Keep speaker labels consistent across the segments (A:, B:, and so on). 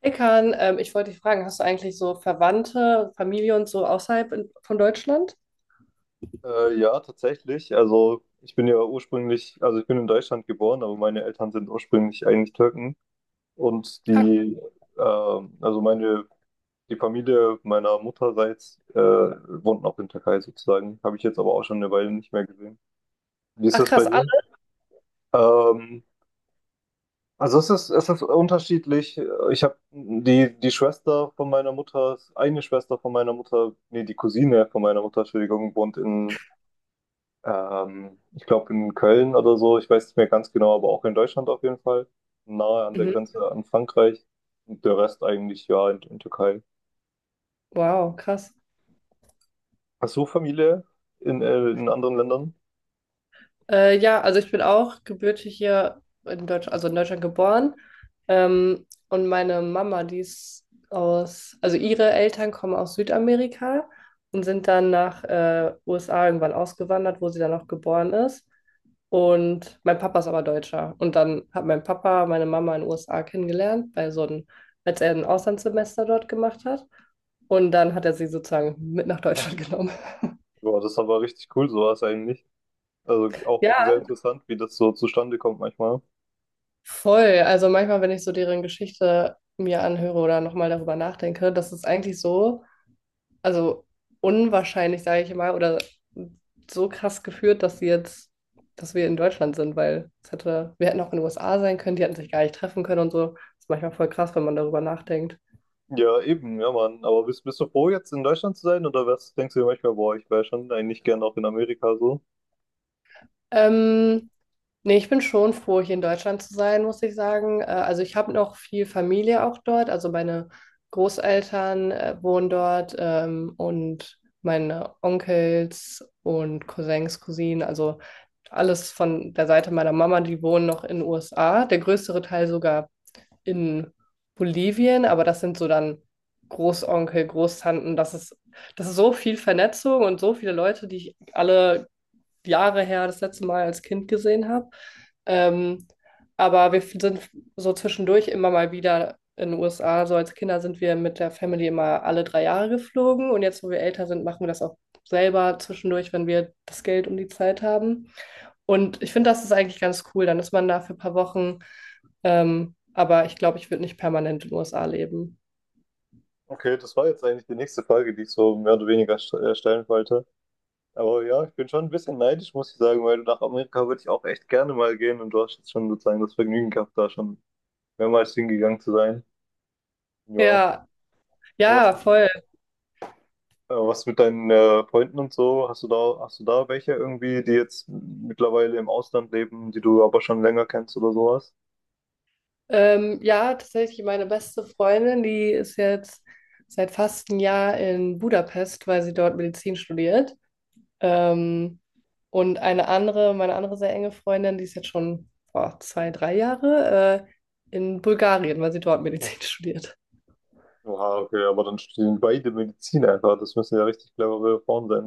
A: Ekan, ich wollte dich fragen, hast du eigentlich so Verwandte, Familie und so außerhalb in, von Deutschland?
B: Ja, tatsächlich. Also ich bin ja ursprünglich, also ich bin in Deutschland geboren, aber meine Eltern sind ursprünglich eigentlich Türken. Und
A: Ja.
B: die, also meine, die Familie meiner Mutterseits wohnt auch in Türkei sozusagen. Habe ich jetzt aber auch schon eine Weile nicht mehr gesehen. Wie ist
A: Ach
B: das bei
A: krass, alle.
B: dir? Ähm, also es ist unterschiedlich. Ich habe die Schwester von meiner Mutter, eine Schwester von meiner Mutter, nee, die Cousine von meiner Mutter, Entschuldigung, wohnt in ich glaube in Köln oder so, ich weiß nicht mehr ganz genau, aber auch in Deutschland auf jeden Fall. Nahe an der
A: Mhm.
B: Grenze an Frankreich. Und der Rest eigentlich ja in Türkei.
A: Wow, krass.
B: Hast du Familie in anderen Ländern?
A: Ja, also ich bin auch gebürtig hier in Deutschland, also in Deutschland geboren. Und meine Mama, die ist aus, also ihre Eltern kommen aus Südamerika und sind dann nach USA irgendwann ausgewandert, wo sie dann auch geboren ist. Und mein Papa ist aber Deutscher. Und dann hat mein Papa meine Mama in den USA kennengelernt, bei so einem, als er ein Auslandssemester dort gemacht hat. Und dann hat er sie sozusagen mit nach Deutschland genommen.
B: Boah, das ist aber richtig cool, sowas eigentlich. Also auch
A: Ja,
B: sehr interessant, wie das so zustande kommt manchmal.
A: voll. Also manchmal, wenn ich so deren Geschichte mir anhöre oder nochmal darüber nachdenke, das ist eigentlich so, also unwahrscheinlich, sage ich mal, oder so krass geführt, dass sie jetzt, dass wir in Deutschland sind, weil es hätte, wir hätten auch in den USA sein können, die hätten sich gar nicht treffen können und so. Das ist manchmal voll krass, wenn man darüber nachdenkt.
B: Ja, eben, ja, Mann. Aber bist du froh, jetzt in Deutschland zu sein? Oder was denkst du dir manchmal, boah, ich wäre schon eigentlich gern auch in Amerika so?
A: Ähm, Nee, ich bin schon froh, hier in Deutschland zu sein, muss ich sagen. Also ich habe noch viel Familie auch dort. Also meine Großeltern wohnen dort, und meine Onkels und Cousins, Cousinen, also alles von der Seite meiner Mama, die wohnen noch in den USA. Der größere Teil sogar in Bolivien, aber das sind so dann Großonkel, Großtanten. Das ist so viel Vernetzung und so viele Leute, die ich alle Jahre her das letzte Mal als Kind gesehen habe. Ähm, aber wir sind so zwischendurch immer mal wieder in den USA. So als Kinder sind wir mit der Family immer alle 3 Jahre geflogen. Und jetzt, wo wir älter sind, machen wir das auch selber zwischendurch, wenn wir das Geld und die Zeit haben. Und ich finde, das ist eigentlich ganz cool. Dann ist man da für ein paar Wochen. Aber ich glaube, ich würde nicht permanent in den USA leben.
B: Okay, das war jetzt eigentlich die nächste Frage, die ich so mehr oder weniger stellen wollte. Aber ja, ich bin schon ein bisschen neidisch, muss ich sagen, weil nach Amerika würde ich auch echt gerne mal gehen und du hast jetzt schon sozusagen das Vergnügen gehabt, da schon mehrmals hingegangen zu sein. Ja.
A: Ja,
B: Aber Was,
A: ja,
B: äh,
A: voll.
B: was mit deinen Freunden und so? Hast du da welche irgendwie, die jetzt mittlerweile im Ausland leben, die du aber schon länger kennst oder sowas?
A: Ja, tatsächlich meine beste Freundin, die ist jetzt seit fast einem Jahr in Budapest, weil sie dort Medizin studiert. Ähm, und eine andere, meine andere sehr enge Freundin, die ist jetzt schon, boah, zwei, drei Jahre in Bulgarien, weil sie dort Medizin studiert.
B: Oha, okay, aber dann studieren beide Medizin einfach. Das müssen ja richtig clevere Frauen sein.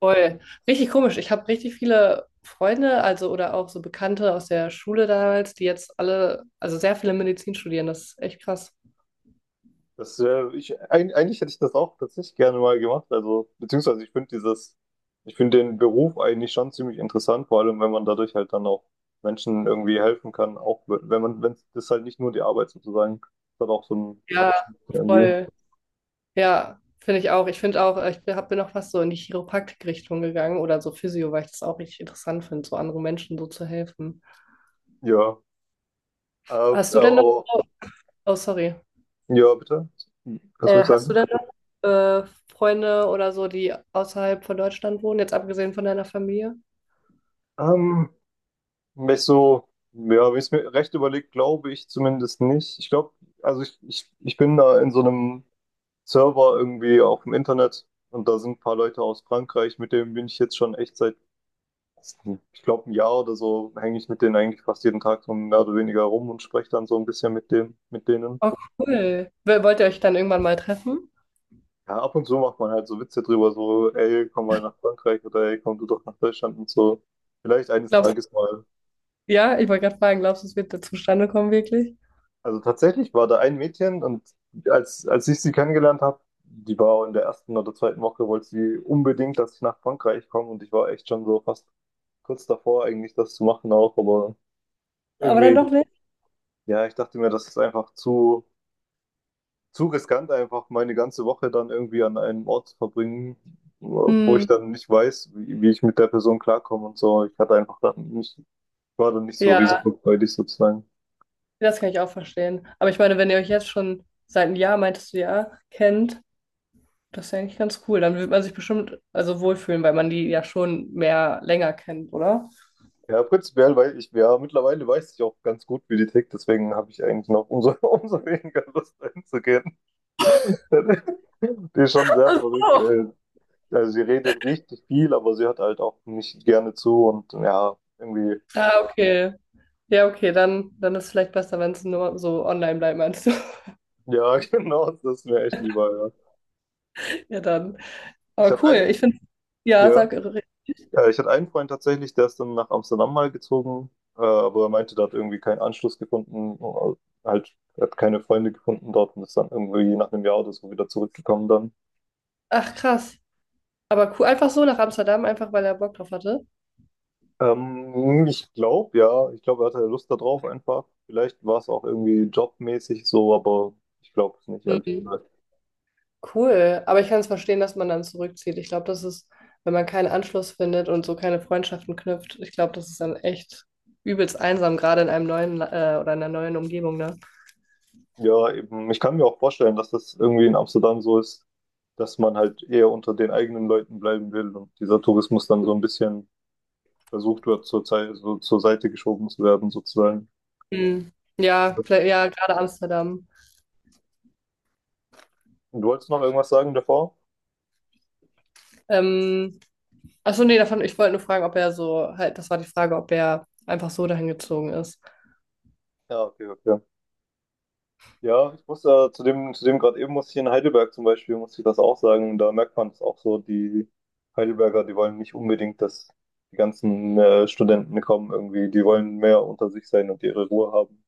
A: Voll. Richtig komisch. Ich habe richtig viele Freunde, also oder auch so Bekannte aus der Schule damals, die jetzt alle, also sehr viele Medizin studieren. Das ist echt krass.
B: Eigentlich hätte ich das auch tatsächlich gerne mal gemacht. Also, beziehungsweise ich finde dieses, ich finde den Beruf eigentlich schon ziemlich interessant, vor allem wenn man dadurch halt dann auch Menschen irgendwie helfen kann, auch wenn man, wenn das halt nicht nur die Arbeit sozusagen, das hat auch so einen
A: Ja,
B: praktischen irgendwie.
A: voll. Ja, finde ich auch. Ich finde auch, ich bin, hab, bin auch fast so in die Chiropraktik-Richtung gegangen oder so Physio, weil ich das auch richtig interessant finde, so anderen Menschen so zu helfen.
B: Ja. Aber,
A: Hast du denn noch,
B: aber
A: oh, oh, sorry,
B: ja, bitte. Kannst du ruhig
A: hast du
B: sagen?
A: denn noch Freunde oder so, die außerhalb von Deutschland wohnen, jetzt abgesehen von deiner Familie?
B: Ähm, Wenn ich so, ja, wenn ich es mir recht überlegt, glaube ich zumindest nicht. Ich glaube, also ich bin da in so einem Server irgendwie auch im Internet. Und da sind ein paar Leute aus Frankreich, mit denen bin ich jetzt schon echt seit, ich glaube, ein Jahr oder so, hänge ich mit denen eigentlich fast jeden Tag so mehr oder weniger rum und spreche dann so ein bisschen mit dem, mit denen.
A: Oh, cool. Wollt ihr euch dann irgendwann mal treffen?
B: Ja, ab und zu macht man halt so Witze drüber, so, ey, komm mal nach Frankreich oder ey, komm du doch nach Deutschland und so. Vielleicht eines
A: Glaubst
B: Tages mal.
A: du, ja, ich wollte gerade fragen, glaubst du, es wird da zustande kommen, wirklich?
B: Also tatsächlich war da ein Mädchen und als ich sie kennengelernt habe, die war in der ersten oder zweiten Woche, wollte sie unbedingt, dass ich nach Frankreich komme und ich war echt schon so fast kurz davor, eigentlich das zu machen auch, aber
A: Aber dann doch
B: irgendwie,
A: nicht?
B: ja, ich dachte mir, das ist einfach zu riskant, einfach meine ganze Woche dann irgendwie an einem Ort zu verbringen, wo ich
A: Hm,
B: dann nicht weiß, wie ich mit der Person klarkomme und so. Ich hatte einfach dann nicht, war dann nicht so
A: ja,
B: risikofreudig sozusagen.
A: das kann ich auch verstehen. Aber ich meine, wenn ihr euch jetzt schon seit einem Jahr, meintest du ja, kennt, das ist ja eigentlich ganz cool. Dann wird man sich bestimmt also wohlfühlen, weil man die ja schon mehr länger kennt, oder?
B: Ja, prinzipiell, weil ich ja mittlerweile weiß ich auch ganz gut, wie die tickt, deswegen habe ich eigentlich noch umso, umso weniger Lust einzugehen. Die ist schon sehr verrückt,
A: Oh.
B: ey. Also sie redet richtig viel, aber sie hört halt auch nicht gerne zu und ja, irgendwie,
A: Ah, okay. Ja, okay, dann, dann ist es vielleicht besser, wenn es nur so online bleibt, meinst du?
B: ja, genau, das ist mir echt lieber, ja.
A: Ja, dann.
B: Ich
A: Aber
B: hatte
A: cool,
B: einen,
A: ich finde, ja,
B: ja,
A: sag,
B: ja, ich hatte einen Freund tatsächlich, der ist dann nach Amsterdam mal gezogen, aber er meinte, der hat irgendwie keinen Anschluss gefunden, halt, er hat keine Freunde gefunden dort und ist dann irgendwie nach einem Jahr oder so wieder zurückgekommen dann.
A: ach krass. Aber cool, einfach so nach Amsterdam, einfach weil er Bock drauf hatte.
B: Ich glaube ja, ich glaube, er hatte Lust darauf einfach. Vielleicht war es auch irgendwie jobmäßig so, aber ich glaube es nicht, ehrlich
A: Mhm.
B: gesagt.
A: Cool, aber ich kann es verstehen, dass man dann zurückzieht. Ich glaube, das ist, wenn man keinen Anschluss findet und so keine Freundschaften knüpft, ich glaube, das ist dann echt übelst einsam, gerade in einem neuen, oder in einer neuen Umgebung, ne?
B: Ja, eben, ich kann mir auch vorstellen, dass das irgendwie in Amsterdam so ist, dass man halt eher unter den eigenen Leuten bleiben will und dieser Tourismus dann so ein bisschen versucht wird, zur Zeit, so zur Seite geschoben zu werden, sozusagen.
A: Hm. Ja, vielleicht, ja, gerade Amsterdam.
B: Und du wolltest noch irgendwas sagen davor?
A: Ähm, Achso, nee, davon, ich wollte nur fragen, ob er so, halt, das war die Frage, ob er einfach so dahin gezogen ist.
B: Ja, okay, okay. Ja, ich muss ja zu dem gerade eben muss ich in Heidelberg zum Beispiel, muss ich das auch sagen. Da merkt man es auch so, die Heidelberger, die wollen nicht unbedingt, dass die ganzen Studenten kommen irgendwie. Die wollen mehr unter sich sein und ihre Ruhe haben.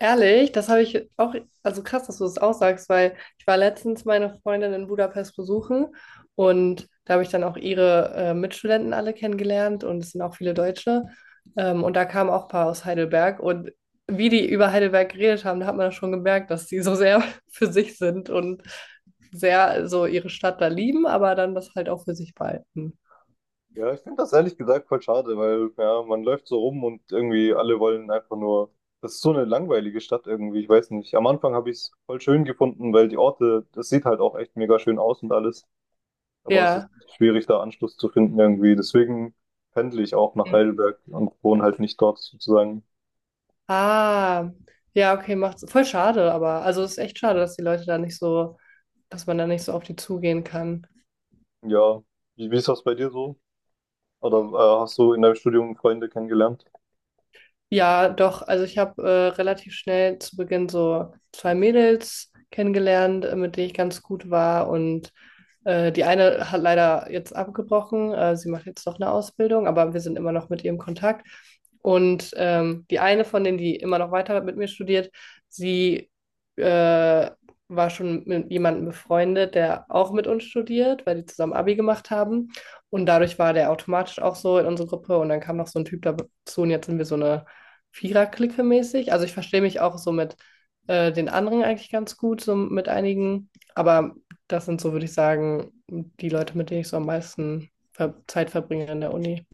A: Ehrlich, das habe ich auch, also krass, dass du das auch sagst, weil ich war letztens meine Freundin in Budapest besuchen und da habe ich dann auch ihre Mitstudenten alle kennengelernt und es sind auch viele Deutsche. Und da kamen auch ein paar aus Heidelberg und wie die über Heidelberg geredet haben, da hat man das schon gemerkt, dass die so sehr für sich sind und sehr so ihre Stadt da lieben, aber dann das halt auch für sich behalten.
B: Ja, ich finde das ehrlich gesagt voll schade, weil ja, man läuft so rum und irgendwie alle wollen einfach nur. Das ist so eine langweilige Stadt irgendwie, ich weiß nicht. Am Anfang habe ich es voll schön gefunden, weil die Orte, das sieht halt auch echt mega schön aus und alles. Aber es ist
A: Ja.
B: schwierig, da Anschluss zu finden irgendwie. Deswegen pendle ich auch nach Heidelberg und wohne halt nicht dort sozusagen.
A: Ah, ja, okay, macht's voll schade, aber also es ist echt schade, dass die Leute da nicht so, dass man da nicht so auf die zugehen kann.
B: Ja, wie ist das bei dir so? Oder hast du in deinem Studium Freunde kennengelernt?
A: Ja, doch, also ich habe relativ schnell zu Beginn so zwei Mädels kennengelernt, mit denen ich ganz gut war und die eine hat leider jetzt abgebrochen. Sie macht jetzt noch eine Ausbildung, aber wir sind immer noch mit ihr im Kontakt. Und die eine von denen, die immer noch weiter mit mir studiert, sie äh, war schon mit jemandem befreundet, der auch mit uns studiert, weil die zusammen Abi gemacht haben. Und dadurch war der automatisch auch so in unsere Gruppe. Und dann kam noch so ein Typ dazu und jetzt sind wir so eine Vierer-Clique mäßig. Also ich verstehe mich auch so mit den anderen eigentlich ganz gut, so mit einigen. Aber das sind so, würde ich sagen, die Leute, mit denen ich so am meisten ver Zeit verbringe an der Uni.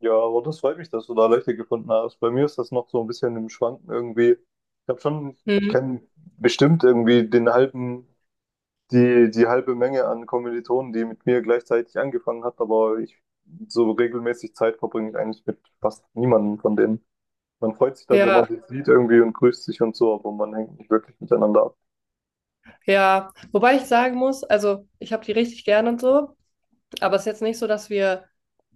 B: Ja, aber das freut mich, dass du da Leute gefunden hast. Bei mir ist das noch so ein bisschen im Schwanken irgendwie. Ich habe schon, ich
A: Hm.
B: kenne bestimmt irgendwie den halben, die halbe Menge an Kommilitonen, die mit mir gleichzeitig angefangen hat, aber ich so regelmäßig Zeit verbringe ich eigentlich mit fast niemandem von denen. Man freut sich dann, wenn
A: Ja,
B: man sich sieht irgendwie und grüßt sich und so, aber man hängt nicht wirklich miteinander ab.
A: ja. Wobei ich sagen muss, also ich habe die richtig gern und so, aber es ist jetzt nicht so, dass wir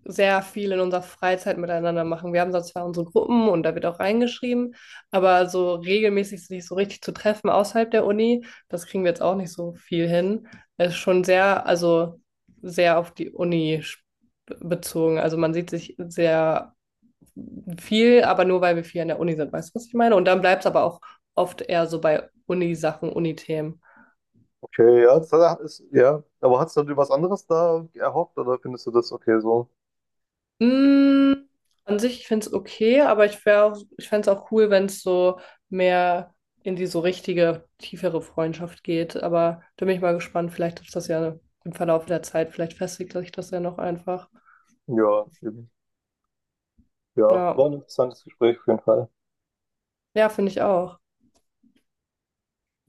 A: sehr viel in unserer Freizeit miteinander machen. Wir haben da zwar unsere Gruppen und da wird auch reingeschrieben, aber so regelmäßig sich so richtig zu treffen außerhalb der Uni, das kriegen wir jetzt auch nicht so viel hin. Es ist schon sehr, also sehr auf die Uni bezogen. Also man sieht sich sehr viel, aber nur weil wir viel an der Uni sind, weißt du, was ich meine? Und dann bleibt es aber auch oft eher so bei Uni-Sachen, Uni-Themen.
B: Okay, ja, das hat- ist, ja. Aber hast du dir was anderes da erhofft oder findest du das okay so?
A: Mm, an sich, ich finde es okay, aber ich wäre auch, ich fände es auch cool, wenn es so mehr in die so richtige, tiefere Freundschaft geht. Aber da bin ich mal gespannt. Vielleicht ist das ja im Verlauf der Zeit, vielleicht festigt sich das ja noch einfach.
B: Ja, eben. Ja, war
A: Ja,
B: ein interessantes Gespräch auf jeden Fall.
A: ja, finde ich auch.